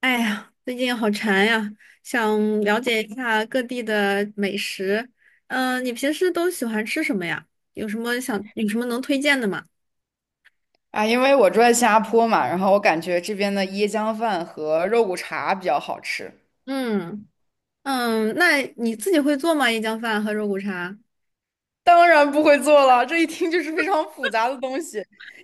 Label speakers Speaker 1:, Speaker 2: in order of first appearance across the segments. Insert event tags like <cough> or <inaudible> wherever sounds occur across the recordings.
Speaker 1: 哎呀，最近好馋呀，想了解一下各地的美食。你平时都喜欢吃什么呀？有什么能推荐的吗？
Speaker 2: 啊，因为我住在新加坡嘛，然后我感觉这边的椰浆饭和肉骨茶比较好吃。
Speaker 1: 嗯嗯，那你自己会做吗？椰浆饭和肉骨茶？
Speaker 2: 当然不会做了，这一听就是非常复杂的东西。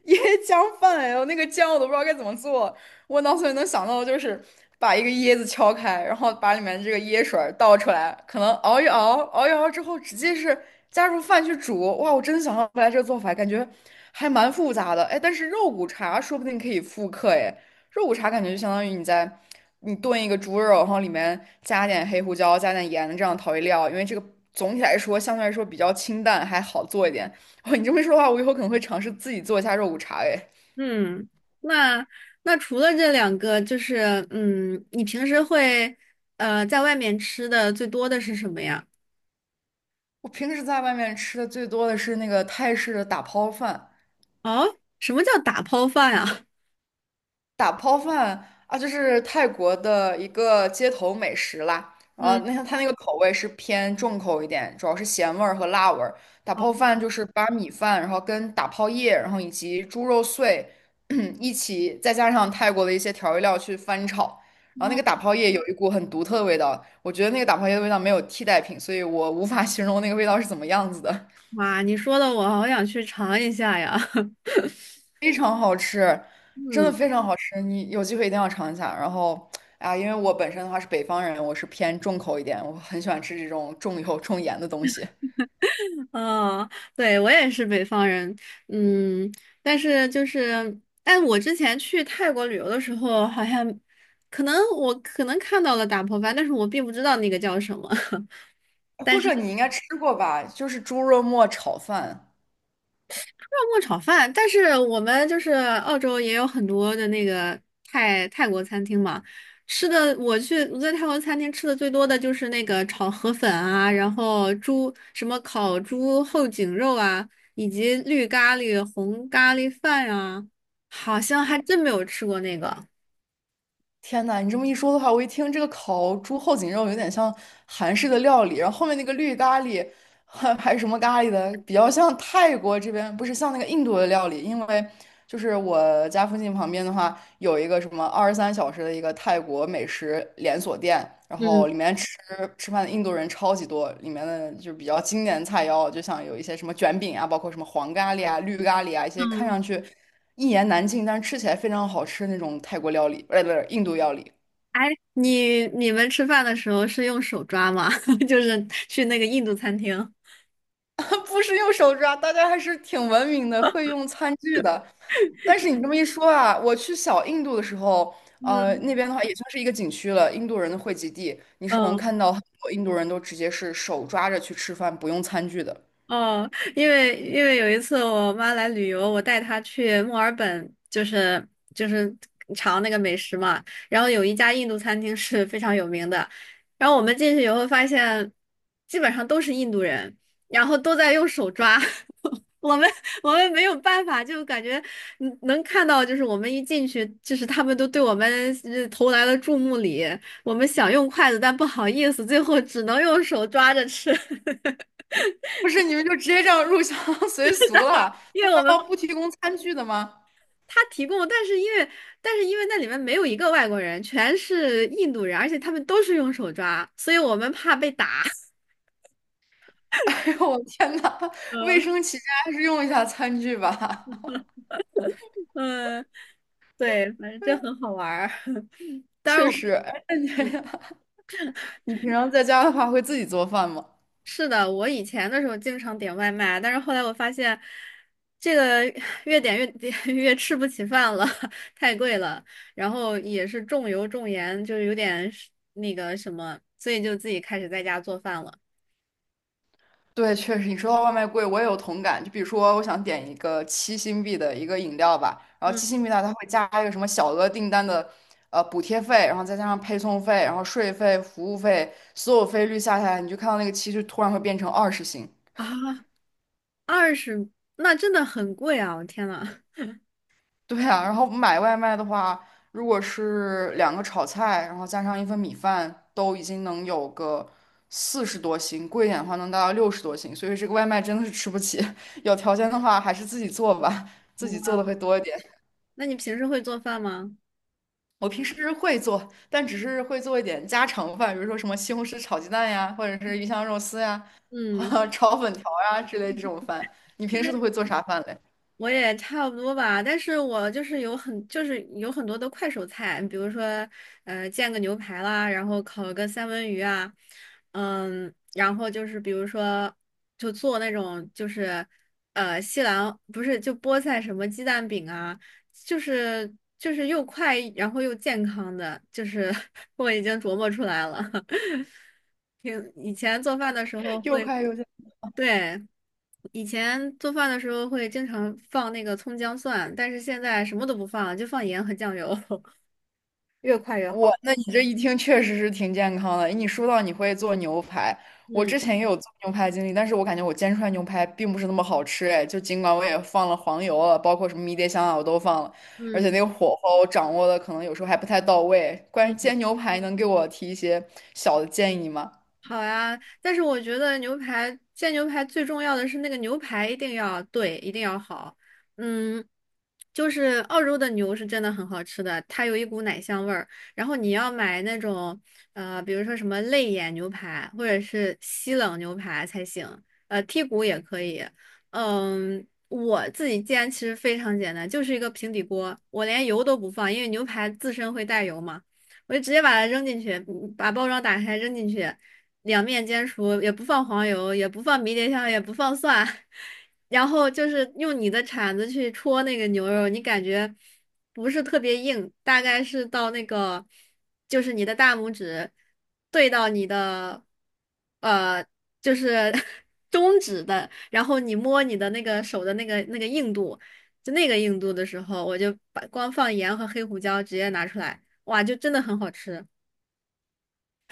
Speaker 2: 椰浆饭，哎呦，那个酱我都不知道该怎么做。我脑子里能想到的就是把一个椰子敲开，然后把里面这个椰水儿倒出来，可能熬一熬，熬一熬之后直接是加入饭去煮。哇，我真的想象不来这个做法，感觉还蛮复杂的。哎，但是肉骨茶说不定可以复刻，哎。肉骨茶感觉就相当于你炖一个猪肉，然后里面加点黑胡椒、加点盐这样调味料，因为这个总体来说相对来说比较清淡，还好做一点。哦，你这么一说的话，我以后可能会尝试自己做一下肉骨茶。哎，
Speaker 1: 嗯，那那除了这两个，就是你平时会在外面吃的最多的是什么呀？
Speaker 2: 我平时在外面吃的最多的是那个泰式的打抛饭，
Speaker 1: 哦，什么叫打抛饭呀？<laughs>
Speaker 2: 打泡饭啊，就是泰国的一个街头美食啦。然
Speaker 1: 嗯，
Speaker 2: 后那它那个口味是偏重口一点，主要是咸味儿和辣味儿。打
Speaker 1: 好
Speaker 2: 泡饭就是把米饭，然后跟打泡叶，然后以及猪肉碎 <clears throat> 一起，再加上泰国的一些调味料去翻炒。然后那个打
Speaker 1: 哦，
Speaker 2: 泡叶有一股很独特的味道，我觉得那个打泡叶的味道没有替代品，所以我无法形容那个味道是怎么样子的。
Speaker 1: 哇，你说的我好想去尝一下呀。<laughs>
Speaker 2: 非常好吃，真的
Speaker 1: 嗯。
Speaker 2: 非常好吃，你有机会一定要尝一下。然后，啊，因为我本身的话是北方人，我是偏重口一点，我很喜欢吃这种重油重盐的东西。
Speaker 1: 哦，对，我也是北方人，嗯，但是就是，哎，我之前去泰国旅游的时候，好像可能看到了打破饭，但是我并不知道那个叫什么。<laughs>
Speaker 2: 或者你应该吃过吧，就是猪肉末炒饭。
Speaker 1: 泡沫炒饭，但是我们就是澳洲也有很多的那个泰国餐厅嘛，吃的我去我在泰国餐厅吃的最多的就是那个炒河粉啊，然后猪什么烤猪后颈肉啊，以及绿咖喱、红咖喱饭啊，好像还真没有吃过那个。
Speaker 2: 天呐，你这么一说的话，我一听这个烤猪后颈肉有点像韩式的料理，然后后面那个绿咖喱，还是什么咖喱的，比较像泰国这边，不是像那个印度的料理，因为就是我家附近旁边的话，有一个什么23小时的一个泰国美食连锁店，然后
Speaker 1: 嗯
Speaker 2: 里面吃饭的印度人超级多，里面的就比较经典的菜肴，就像有一些什么卷饼啊，包括什么黄咖喱啊、绿咖喱啊，一些看
Speaker 1: 嗯，
Speaker 2: 上去。一言难尽，但是吃起来非常好吃那种泰国料理，不是印度料理，
Speaker 1: 哎，你们吃饭的时候是用手抓吗？<laughs> 就是去那个印度餐厅。
Speaker 2: <laughs> 不是用手抓，大家还是挺文明的，会用餐具的。但是你这么一说啊，我去小印度的时候，
Speaker 1: 嗯
Speaker 2: 那边的话也算是一个景区了，印度人的汇集地，你是能
Speaker 1: 嗯。
Speaker 2: 看到很多印度人都直接是手抓着去吃饭，不用餐具的。
Speaker 1: 哦，因为有一次我妈来旅游，我带她去墨尔本，就是尝那个美食嘛。然后有一家印度餐厅是非常有名的，然后我们进去以后发现，基本上都是印度人，然后都在用手抓。<laughs> 我们我们没有办法，就感觉能看到，就是我们一进去，就是他们都对我们投来了注目礼。我们想用筷子，但不好意思，最后只能用手抓着吃。<laughs>
Speaker 2: 不是，你们就直接这样入乡 <laughs> 随俗了？
Speaker 1: 因
Speaker 2: 难
Speaker 1: 为我们
Speaker 2: 道不提供餐具的吗？
Speaker 1: 他提供，但是因为那里面没有一个外国人，全是印度人，而且他们都是用手抓，所以我们怕被打。<laughs>
Speaker 2: <laughs> 哎呦，我天呐，卫
Speaker 1: 嗯
Speaker 2: 生起见还是用一下餐具吧。
Speaker 1: 嗯，对，反正这很
Speaker 2: <laughs>
Speaker 1: 好玩儿。<laughs> 当然
Speaker 2: 确
Speaker 1: 我，
Speaker 2: 实，哎
Speaker 1: 嗯，
Speaker 2: 你平常在家的话，会自己做饭吗？
Speaker 1: 是的，我以前的时候经常点外卖，但是后来我发现，这个越点越点 <laughs> 越吃不起饭了，<laughs> 太贵了，然后也是重油重盐，就是有点那个什么，所以就自己开始在家做饭了。
Speaker 2: 对，确实，你说到外卖贵，我也有同感。就比如说，我想点一个七星币的一个饮料吧，然后七星
Speaker 1: 嗯
Speaker 2: 币呢，它会加一个什么小额订单的补贴费，然后再加上配送费，然后税费、服务费，所有费率下来，你就看到那个七就突然会变成20星，
Speaker 1: 啊。20，那真的很贵啊！我天呐，
Speaker 2: 对啊，然后买外卖的话，如果是两个炒菜，然后加上一份米饭，都已经能有个40多星，贵一点的话能达到60多星，所以这个外卖真的是吃不起。<laughs> 有条件的话，还是自己做吧，自己做的
Speaker 1: 哇，
Speaker 2: 会多一点。
Speaker 1: 那你平时会做饭吗？
Speaker 2: 我平时会做，但只是会做一点家常饭，比如说什么西红柿炒鸡蛋呀，或者是鱼香肉丝呀，
Speaker 1: 嗯，
Speaker 2: <laughs> 炒粉条呀之类这种饭。你平时都会做啥饭嘞？
Speaker 1: 我也差不多吧，但是我就是有很多的快手菜，比如说煎个牛排啦，然后烤个三文鱼啊，然后就是比如说就做那种就是呃西兰不是就菠菜什么鸡蛋饼啊，就是又快然后又健康的，就是 <laughs> 我已经琢磨出来了。<laughs> 挺以前做饭的时候
Speaker 2: <laughs> 又
Speaker 1: 会
Speaker 2: 快又
Speaker 1: 对。以前做饭的时候会经常放那个葱姜蒜，但是现在什么都不放了就放盐和酱油，<laughs> 越快越好。
Speaker 2: 那你这一听确实是挺健康的。你说到你会做牛排，我
Speaker 1: 嗯
Speaker 2: 之前也有做牛排经历，但是我感觉我煎出来牛排并不是那么好吃，哎，就尽管我也放了黄油了，包括什么迷迭香啊，我都放了，而且
Speaker 1: 嗯
Speaker 2: 那个火候掌握的可能有时候还不太到位。关于
Speaker 1: 嗯。
Speaker 2: 煎牛排，能给我提一些小的建议吗？
Speaker 1: 好呀，但是我觉得煎牛排最重要的是那个牛排一定要对，一定要好。嗯，就是澳洲的牛是真的很好吃的，它有一股奶香味儿。然后你要买那种比如说什么肋眼牛排或者是西冷牛排才行，剔骨也可以。嗯，我自己煎其实非常简单，就是一个平底锅，我连油都不放，因为牛排自身会带油嘛。我就直接把它扔进去，把包装打开扔进去，两面煎熟，也不放黄油，也不放迷迭香，也不放蒜，<laughs> 然后就是用你的铲子去戳那个牛肉，你感觉不是特别硬，大概是到那个就是你的大拇指对到你的呃就是 <laughs> 中指的，然后你摸你的那个手的那个硬度，就那个硬度的时候，我就把光放盐和黑胡椒直接拿出来，哇，就真的很好吃。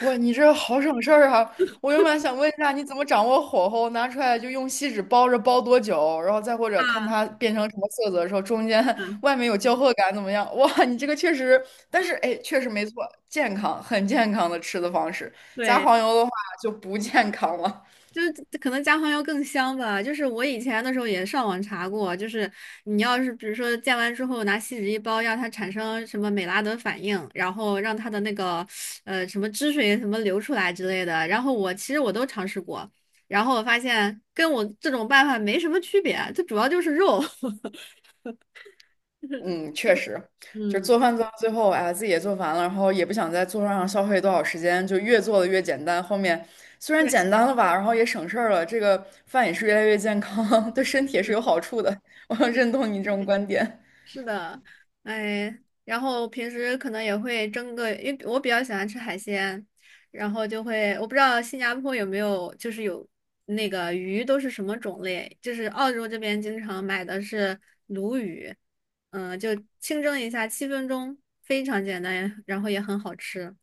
Speaker 2: 哇，你这好省事儿啊！我原本想问一下，你怎么掌握火候？拿出来就用锡纸包着，包多久？然后再或者看
Speaker 1: 啊，
Speaker 2: 它变成什么色泽的时候，中间 <laughs> 外面有焦褐感怎么样？哇，你这个确实，但是哎，确实没错，健康，很健康的吃的方式。加
Speaker 1: 对。
Speaker 2: 黄油的话就不健康了。
Speaker 1: 就是可能加黄油更香吧。就是我以前的时候也上网查过，就是你要是比如说煎完之后拿锡纸一包，让它产生什么美拉德反应，然后让它的那个什么汁水什么流出来之类的。然后我其实我都尝试过，然后我发现跟我这种办法没什么区别，它主要就是肉。<laughs>
Speaker 2: 嗯，确实，就是
Speaker 1: 嗯，
Speaker 2: 做饭做到最后，哎呀，自己也做烦了，然后也不想在做饭上消费多少时间，就越做的越简单。后面虽然
Speaker 1: 对。
Speaker 2: 简单了吧，然后也省事儿了，这个饭也是越来越健康，<laughs> 对身体也是有好处的。<laughs> 我很认同你这种观点。
Speaker 1: 是的，哎，然后平时可能也会蒸个，因为我比较喜欢吃海鲜，然后就会，我不知道新加坡有没有，就是有那个鱼都是什么种类，就是澳洲这边经常买的是鲈鱼，就清蒸一下，7分钟，非常简单，然后也很好吃。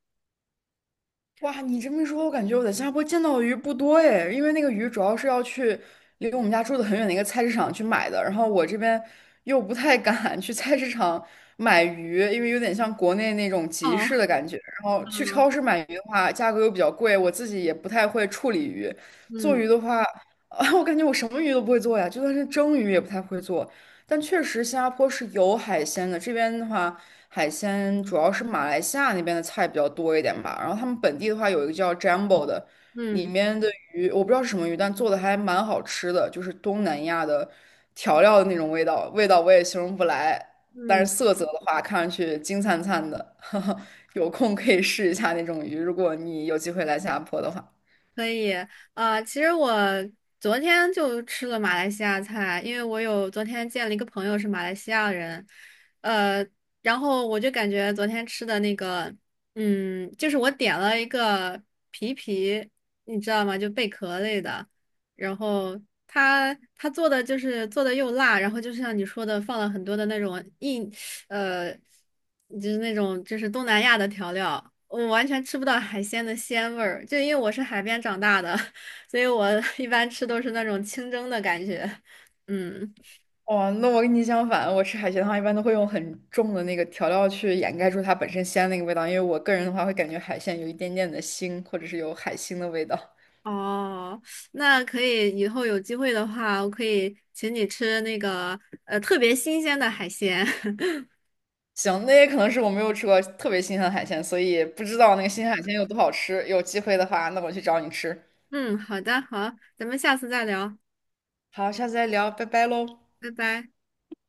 Speaker 2: 哇，你这么一说，我感觉我在新加坡见到的鱼不多哎，因为那个鱼主要是要去离我们家住的很远的一个菜市场去买的，然后我这边又不太敢 <laughs> 去菜市场买鱼，因为有点像国内那种集
Speaker 1: 哦，
Speaker 2: 市的感觉。然后去
Speaker 1: 嗯
Speaker 2: 超市买鱼的话，价格又比较贵，我自己也不太会处理鱼。做
Speaker 1: 嗯
Speaker 2: 鱼的话，<laughs> 啊，我感觉我什么鱼都不会做呀，就算是蒸鱼也不太会做。但确实新加坡是有海鲜的，这边的话。海鲜主要是马来西亚那边的菜比较多一点吧。然后他们本地的话有一个叫 Jumbo 的，里
Speaker 1: 嗯。
Speaker 2: 面的鱼我不知道是什么鱼，但做的还蛮好吃的，就是东南亚的调料的那种味道，味道我也形容不来。但
Speaker 1: 嗯
Speaker 2: 是色泽的话，看上去金灿灿的，<laughs> 有空可以试一下那种鱼，如果你有机会来新加坡的话。
Speaker 1: 可以，啊，其实我昨天就吃了马来西亚菜，因为我有昨天见了一个朋友是马来西亚人，呃，然后我就感觉昨天吃的那个，就是我点了一个皮皮，你知道吗？就贝壳类的，然后他做的就是做的又辣，然后就像你说的，放了很多的那种硬。呃，就是那种就是东南亚的调料，我完全吃不到海鲜的鲜味儿。就因为我是海边长大的，<laughs> 所以我一般吃都是那种清蒸的感觉。嗯，
Speaker 2: 哦，那我跟你相反，我吃海鲜的话，一般都会用很重的那个调料去掩盖住它本身鲜那个味道，因为我个人的话会感觉海鲜有一点点的腥，或者是有海腥的味道。
Speaker 1: 哦，那可以，以后有机会的话，我可以请你吃那个特别新鲜的海鲜。<laughs>
Speaker 2: 行，那也可能是我没有吃过特别新鲜的海鲜，所以不知道那个新鲜海鲜有多好吃。有机会的话，那我去找你吃。
Speaker 1: 嗯，好的，好，咱们下次再聊，
Speaker 2: 好，下次再聊，拜拜喽。
Speaker 1: 拜拜。